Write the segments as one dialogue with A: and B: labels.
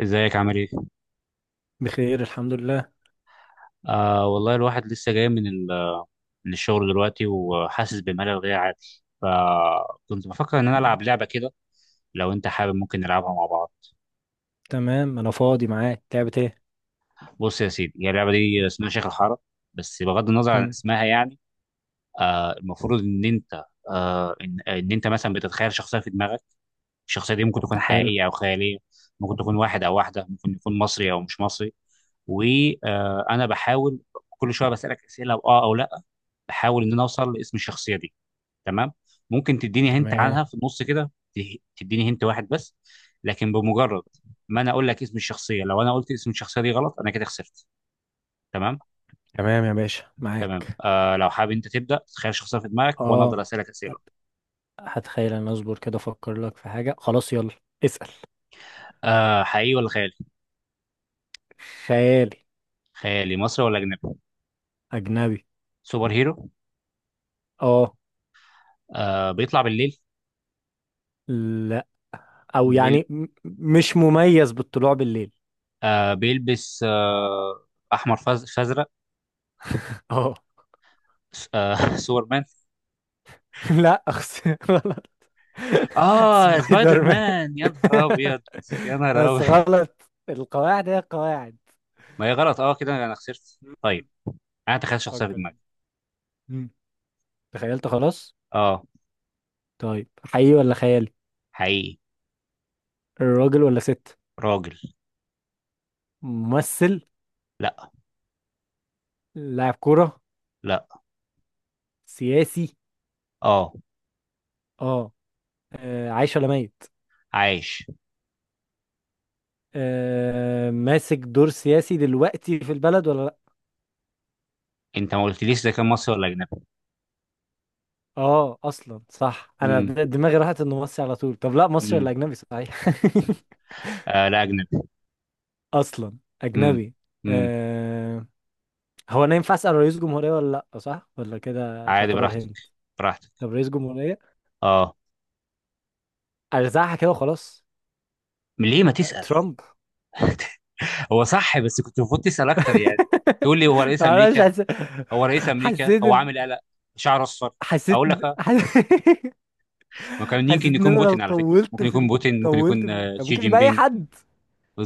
A: ازيك عامل ايه؟
B: بخير، الحمد لله.
A: والله الواحد لسه جاي من الشغل دلوقتي وحاسس بملل غير عادي، فكنت بفكر ان انا
B: مم.
A: العب لعبه كده. لو انت حابب ممكن نلعبها مع بعض.
B: تمام، انا فاضي معاك. لعبة ايه؟
A: بص يا سيدي، هي اللعبه دي اسمها شيخ الحاره، بس بغض النظر عن
B: مم.
A: اسمها يعني. المفروض ان انت مثلا بتتخيل شخصيه في دماغك. الشخصيه دي ممكن تكون
B: حلو.
A: حقيقيه او خياليه. ممكن تكون واحد او واحده، ممكن يكون مصري او مش مصري. وانا بحاول كل شويه بسالك اسئله اه او لا، بحاول ان انا اوصل لاسم الشخصيه دي. تمام. ممكن تديني هنت
B: تمام،
A: عنها في النص كده، تديني هنت واحد بس، لكن بمجرد ما انا اقول لك اسم الشخصيه، لو انا قلت اسم الشخصيه دي غلط انا كده خسرت. تمام.
B: تمام يا باشا،
A: تمام،
B: معاك.
A: لو حابب انت تبدا تخيل شخصيه في دماغك وانا افضل
B: اه.
A: اسالك اسئله.
B: هت- هتخيل، انا اصبر كده افكر لك في حاجة. خلاص يلا. اسأل.
A: حقيقي ولا خيالي؟
B: خيالي.
A: خيالي مصري ولا اجنبي؟
B: اجنبي.
A: سوبر هيرو؟
B: اه.
A: بيطلع بالليل؟
B: لا، او
A: بالليل.
B: يعني مش مميز بالطلوع بالليل.
A: بيلبس احمر فازرق؟
B: اه.
A: آه، سوبرمان؟
B: لا، غلط.
A: اه، سبايدر
B: سبايدر مان.
A: مان يا نهار ابيض! يا نهار
B: بس
A: ابيض!
B: غلط، القواعد هي القواعد.
A: ما هي غلط، اه، كده انا خسرت
B: مم.
A: طيب. انا تخيل شخصيه في
B: فكر.
A: دماغي.
B: مم. تخيلت خلاص.
A: اه،
B: طيب، حقيقي ولا خيالي؟
A: حقيقي.
B: الراجل ولا ست؟
A: راجل.
B: ممثل؟
A: لا.
B: لاعب كرة؟
A: لا.
B: سياسي؟
A: اه،
B: اه. عايش ولا ميت؟
A: عايش.
B: ماسك دور سياسي دلوقتي في البلد ولا لا؟
A: انت ما قلتليش ده كان مصري ولا اجنبي.
B: اه، اصلا صح. انا
A: امم
B: دماغي راحت انه مصري على طول. طب لا مصري
A: امم
B: ولا اجنبي، صحيح؟
A: لا، اجنبي.
B: اصلا
A: امم
B: اجنبي.
A: امم
B: آه هو انا ينفع اسال رئيس جمهورية ولا لا، صح ولا كده
A: عادي،
B: تعتبر
A: براحتك،
B: هند؟
A: براحتك.
B: طب رئيس جمهورية.
A: اه،
B: ارزعها كده وخلاص.
A: ليه ما تسال.
B: ترامب.
A: هو صح، بس كنت المفروض تسال اكتر يعني. تقول لي هو رئيس
B: معرفش.
A: امريكا. هو رئيس امريكا،
B: حسيت
A: هو عامل
B: إن-
A: قلق، شعره اصفر.
B: حسيت
A: اقول
B: إن-
A: لك
B: حس...
A: ما كان يمكن
B: حسيت ان
A: يكون
B: انا لو
A: بوتين على فكره،
B: طولت
A: ممكن يكون بوتين، ممكن يكون
B: كان
A: شي
B: ممكن
A: جين
B: يبقى اي
A: بينج.
B: حد.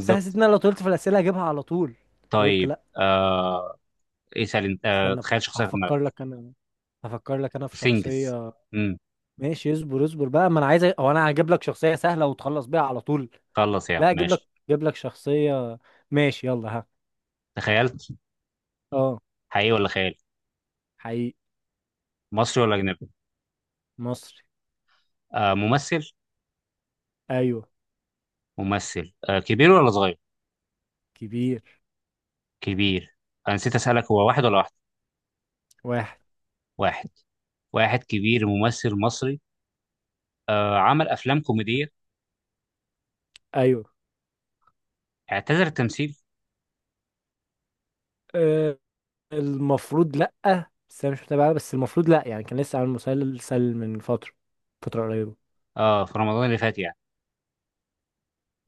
B: بس حسيت ان انا لو طولت في الاسئله هجيبها على طول. فقلت
A: طيب.
B: لا.
A: آه اسال انت.
B: استنى،
A: تخيل شخصيه في دماغك.
B: هفكر لك انا. هفكر لك انا في
A: سنجز.
B: شخصيه.
A: امم
B: ماشي، اصبر اصبر بقى، ما انا عايز او انا هجيب لك شخصيه سهله وتخلص بيها على طول.
A: خلص يا عم
B: لا اجيب لك
A: ماشي.
B: اجيب لك شخصيه. ماشي، يلا، ها.
A: تخيلت.
B: اه.
A: حقيقي ولا خيال؟
B: حقيقي.
A: مصري ولا اجنبي؟
B: مصري.
A: ممثل؟
B: ايوه.
A: ممثل، كبير ولا صغير؟
B: كبير.
A: كبير. انا نسيت اسالك، هو واحد ولا واحد؟
B: واحد.
A: واحد. واحد كبير ممثل مصري. عمل افلام كوميديه؟
B: ايوه.
A: اعتذر التمثيل.
B: آه، المفروض لأ. بس أنا مش متابع، بس المفروض لأ يعني، كان لسه عامل مسلسل من فترة، فترة قريبة.
A: اه، في رمضان اللي فات يعني؟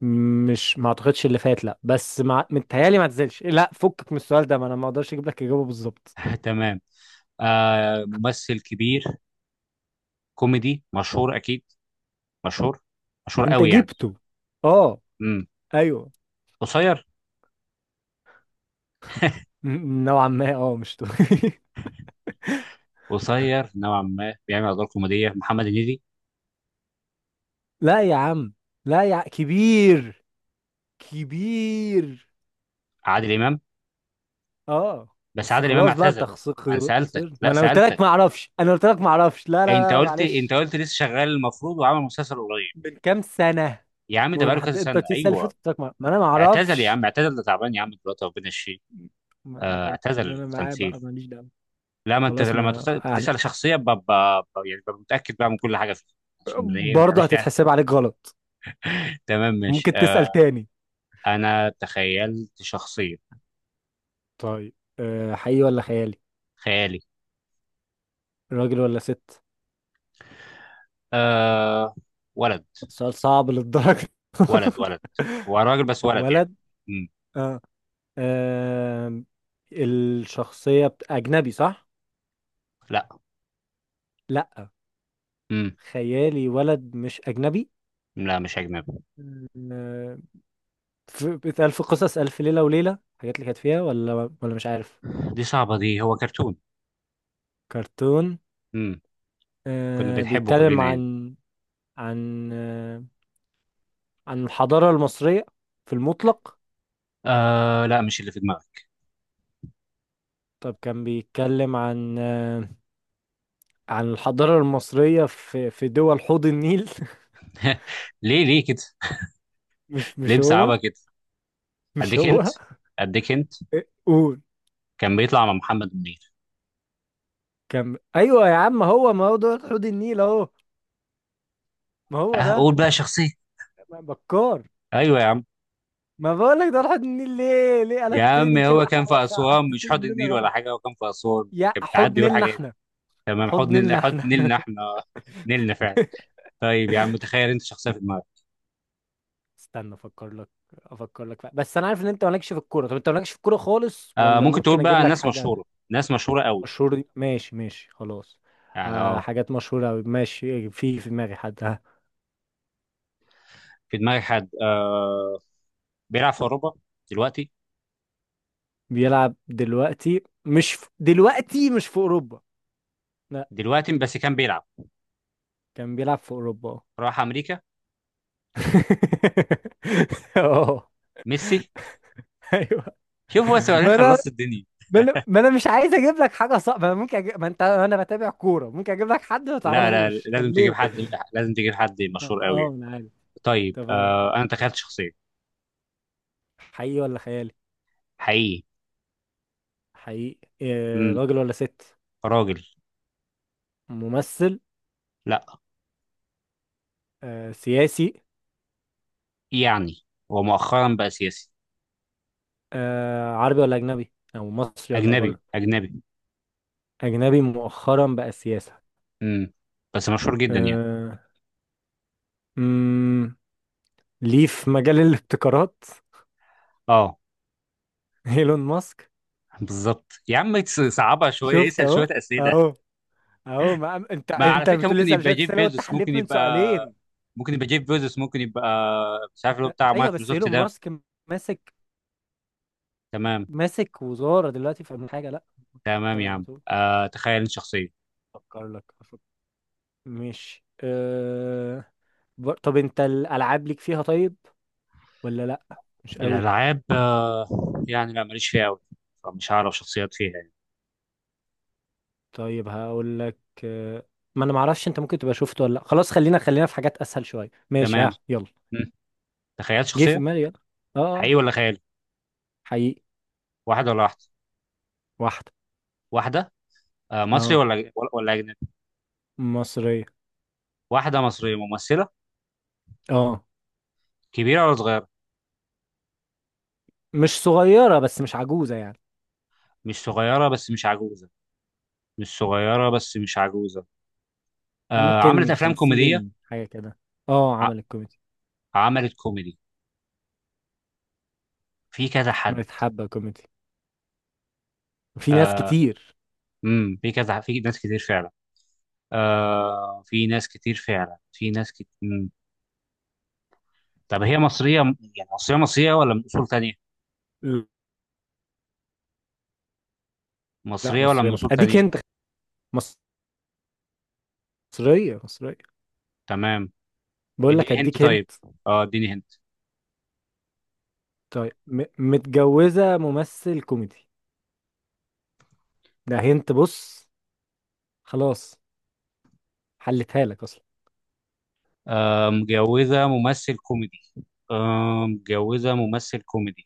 B: مش ما اعتقدش اللي فات لأ، متهيألي ما تزلش لأ. فكك من السؤال ده، ما أنا ما أقدرش أجيب لك إجابة بالظبط.
A: تمام. ممثل كبير كوميدي مشهور اكيد. مشهور. مشهور
B: أنت
A: قوي يعني.
B: جبته. أه.
A: امم
B: أيوه.
A: قصير؟
B: نوعا ما، مش
A: قصير نوعا ما، بيعمل ادوار كوميديه، محمد هنيدي؟
B: لا يا عم. لا يا ع- كبير. كبير.
A: عادل امام؟
B: أه.
A: بس
B: بس
A: عادل امام
B: خلاص بقى، أنت
A: اعتزل.
B: خسرت.
A: انا سالتك!
B: خسرت؟ ما
A: لا،
B: أنا قلت لك
A: سالتك!
B: ما أعرفش، أنا قلت لك ما أعرفش. لا، لا،
A: أي انت
B: لا،
A: قلت، انت
B: معلش.
A: قلت لسه شغال المفروض وعمل مسلسل قريب.
B: من كام سنة؟
A: يا عم ده بقاله كذا
B: والمحد، انت
A: سنه،
B: قلت لي السنه اللي فاتت،
A: ايوه.
B: قلت لك ما انا ما
A: اعتزل يا
B: اعرفش.
A: عم، اعتزل، ده تعبان يا عم دلوقتي، ربنا يشفيه. اعتزل
B: ربنا معاه
A: التمثيل.
B: بقى، ماليش دعوه.
A: لا، ما انت
B: خلاص،
A: لما
B: ما
A: تختار تسال
B: اهلا.
A: شخصيه ببقى يعني ببقى متاكد بقى من كل حاجه فيها. عشان ما ايه، ما
B: برضه
A: نعملش يعني.
B: هتتحسب عليك غلط.
A: تمام ماشي.
B: ممكن تسال تاني.
A: انا تخيلت شخصيه.
B: طيب، حقيقي ولا خيالي؟
A: خيالي.
B: راجل ولا ست؟
A: أه. ولد.
B: سؤال صعب للدرجه؟
A: ولد، ولد. هو راجل بس ولد يعني.
B: ولد.
A: مم.
B: اه. آم، الشخصيه اجنبي، صح؟
A: لا.
B: لا.
A: مم.
B: خيالي، ولد، مش اجنبي.
A: لا، مش اجنبي.
B: آه، بيتقال في قصص الف ليله وليله الحاجات اللي كانت فيها، ولا ولا مش عارف.
A: دي صعبه دي، هو كرتون.
B: كرتون؟
A: امم كنا بنحبه
B: بيتكلم
A: كلنا يعني.
B: عن عن آه عن الحضارة المصرية في المطلق.
A: لا، مش اللي في دماغك.
B: طب كان بيتكلم عن الحضارة المصرية في دول حوض النيل.
A: ليه، ليه كده؟
B: مش
A: ليه
B: مش هو.
A: مصعبها كده؟
B: مش
A: اديك انت.
B: هو.
A: اديك انت.
B: إيه، قول.
A: كان بيطلع مع محمد منير.
B: كان، ايوه يا عم، هو ما هو دول حوض النيل اهو. ما هو
A: اه،
B: ده.
A: قول بقى شخصية.
B: بكار.
A: ايوه يا عم.
B: ما بقولك دول حوض النيل. ليه ليه
A: يا عم
B: قلبتني كده
A: هو كان في اسوان مش
B: حسستني
A: حوض
B: ان
A: النيل
B: انا
A: ولا
B: غلط.
A: حاجة، هو كان في اسوان،
B: يا
A: كان
B: حوض
A: بتعدي يقول
B: نيلنا
A: حاجات.
B: احنا.
A: تمام، حوض
B: حوض
A: نيل،
B: نيلنا
A: حوض
B: احنا.
A: نيلنا احنا. نيلنا فعلا. طيب يا عم، تخيل انت شخصية في دماغك.
B: استنى افكر لك. بس انا عارف ان انت مالكش في الكوره. طب انت مالكش في الكوره خالص، ولا
A: ممكن تقول
B: ممكن اجيب
A: بقى
B: لك
A: ناس
B: حاجه؟
A: مشهورة. ناس مشهورة قوي
B: مشهوره؟ دي ماشي، ماشي خلاص.
A: يعني. اه،
B: حاجات مشهوره أوي. ماشي، في دماغي حد، ها.
A: في دماغك حد. بيلعب في اوروبا دلوقتي؟
B: بيلعب دلوقتي، مش في... دلوقتي مش في اوروبا. لا.
A: دلوقتي؟ بس كان بيلعب.
B: كان بيلعب في اوروبا، اه.
A: راح امريكا.
B: اه.
A: ميسي؟
B: ايوه.
A: شوف، هو سؤالين
B: ما انا
A: خلصت الدنيا.
B: ما أنا مش عايز اجيب لك حاجه صعبه. ما انت انا بتابع كوره، ممكن اجيب لك حد ما
A: لا، لا،
B: تعرفوش، طب
A: لازم تجيب
B: ليه؟
A: حد. لازم تجيب حد مشهور قوي
B: اه،
A: يعني.
B: انا عارف.
A: طيب.
B: طب.
A: انا تخيلت شخصيه.
B: حقيقي ولا خيالي؟
A: حقيقي.
B: حقيقي.
A: امم
B: راجل ولا ست؟
A: راجل.
B: ممثل؟
A: لا.
B: سياسي؟
A: يعني هو مؤخرا بقى سياسي.
B: عربي ولا أجنبي، أو مصري ولا
A: اجنبي،
B: بره؟
A: اجنبي.
B: أجنبي، مؤخرا بقى سياسة.
A: امم بس مشهور جدا يعني.
B: آه، مم، ليه، في مجال الابتكارات؟
A: اه.
B: إيلون ماسك.
A: بالظبط يا عم، صعبها شويه،
B: شفت
A: اسال
B: أهو.
A: شويه اسئله.
B: أهو. أهو، ما أنت
A: ما على
B: أنت اللي
A: فكره
B: بتقول لي
A: ممكن
B: اسأل شوية
A: يبقى جيف
B: أسئلة، وأنت
A: بيزوس، ممكن
B: حليت من
A: يبقى
B: سؤالين.
A: ممكن يبقى جيف بيزوس، ممكن يبقى، مش عارف اللي هو
B: ده
A: بتاع
B: أيوه، بس
A: مايكروسوفت
B: إيلون
A: ده.
B: ماسك. ماسك.
A: تمام.
B: ماسك وزارة دلوقتي في حاجة، لا.
A: تمام
B: ده
A: يا
B: على
A: عم.
B: طول.
A: تخيل شخصيه.
B: أفكر لك أفكر. ماشي، طب انت الالعاب ليك فيها، طيب ولا لا؟ مش قوي؟
A: الألعاب يعني لا، ماليش فيها أوي. فمش هعرف شخصيات فيها يعني.
B: طيب، هقول لك. آه، ما انا معرفش، انت ممكن تبقى شفته ولا لا، خلاص. خلينا خلينا في حاجات اسهل شويه، ماشي،
A: تمام.
B: ها، يلا.
A: مم. تخيلت
B: جه في
A: شخصية.
B: دماغي، يلا. اه آه،
A: حقيقي ولا خيالي؟
B: حقيقي.
A: واحدة ولا واحدة؟
B: واحده.
A: واحدة. مصري
B: اه.
A: ولا أجنبي؟
B: مصريه.
A: واحدة مصرية ممثلة.
B: اه.
A: كبيرة ولا صغيرة؟
B: مش صغيره بس مش عجوزه يعني.
A: مش صغيرة بس مش عجوزة. مش صغيرة بس مش عجوزة. عملت
B: ممكن
A: أفلام كوميدية.
B: 50 حاجه كده. اه،
A: ع-
B: عملت كوميدي.
A: عملت كوميدي في كذا حد.
B: متحبه كوميدي. في ناس كتير.
A: في كذا، في ناس كتير فعلا. في ناس كتير فعلا، في ناس كتير. طب هي مصرية يعني؟ مصرية مصرية ولا من أصول تانية؟
B: لا،
A: مصرية ولا
B: مصريه
A: من
B: مصريه،
A: أصول
B: اديك
A: تانية؟
B: انت. مصريه مصريه.
A: تمام.
B: بقول لك
A: اديني هنت
B: اديك
A: طيب.
B: انت.
A: اه اديني هنت.
B: طيب، متجوزة ممثل كوميدي. ده هنت، بص. خلاص. حلتها لك اصلا.
A: متجوزة ممثل كوميدي؟ متجوزة ممثل كوميدي.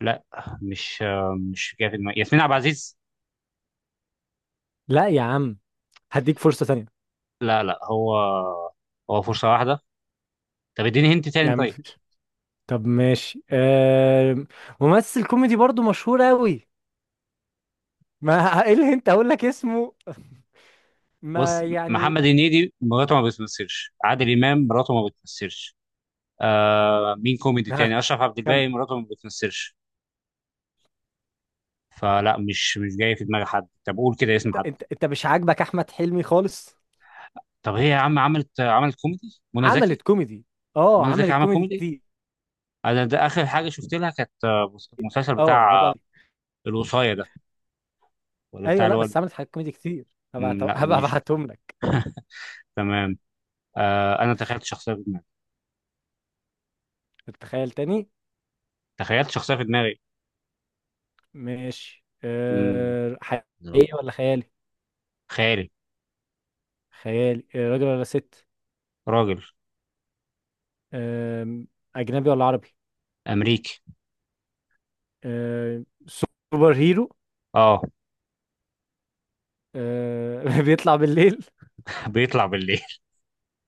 A: لا. مش جاي في دماغي. ياسمين عبد العزيز؟
B: لا يا عم. هديك فرصة تانية.
A: لا، لا، هو فرصة واحدة. طب اديني هنت
B: يا
A: تاني
B: عم،
A: طيب.
B: مفيش. طب ماشي، ممثل كوميدي برضو مشهور قوي. ما ايه اللي انت اقول لك اسمه؟
A: بص،
B: ما يعني.
A: محمد هنيدي مراته ما بتمثلش، عادل إمام مراته ما بتمثلش. مين كوميدي
B: ها،
A: تاني؟ أشرف عبد
B: كمل.
A: الباقي مراته ما بتمثلش. فلا، مش جاي في دماغي حد. طب قول كده اسم حد.
B: انت مش عاجبك احمد حلمي خالص؟
A: طب هي يا عم عملت كوميدي؟ منى زكي؟
B: عملت كوميدي؟ اه،
A: منى زكي
B: عملت
A: عمل
B: كوميدي
A: كوميدي؟
B: كتير.
A: انا ده اخر حاجه شفت لها كانت، المسلسل
B: اه،
A: بتاع
B: هبقى.
A: الوصايه ده، ولا بتاع
B: ايوه،
A: اللي
B: لا
A: هو.
B: بس عملت حاجات كوميدي كتير. هبقى
A: مم، لا،
B: هبقى
A: مش.
B: ابعتهم لك.
A: تمام. انا تخيلت شخصيه في دماغي.
B: تتخيل تاني؟
A: تخيلت شخصيه في دماغي.
B: ماشي،
A: مم، لا.
B: حقيقي ولا خيالي؟
A: خيالي.
B: خيالي. راجل ولا ست؟
A: راجل.
B: أه... أجنبي ولا عربي؟
A: امريكي.
B: سوبر هيرو؟
A: اه.
B: بيطلع بالليل؟
A: بيطلع بالليل.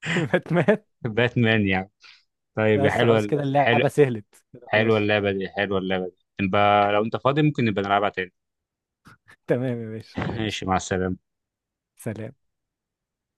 B: باتمان؟
A: باتمان يعني. طيب يا
B: بس
A: حلوه،
B: خلاص كده،
A: حلو.
B: اللعبة سهلت كده
A: حلوه
B: خلاص.
A: اللعبه دي، حلوه اللعبه دي، نبقى لو انت فاضي ممكن نبقى نلعبها تاني.
B: تمام يا باشا، ماشي.
A: ماشي، مع السلامه.
B: سلام.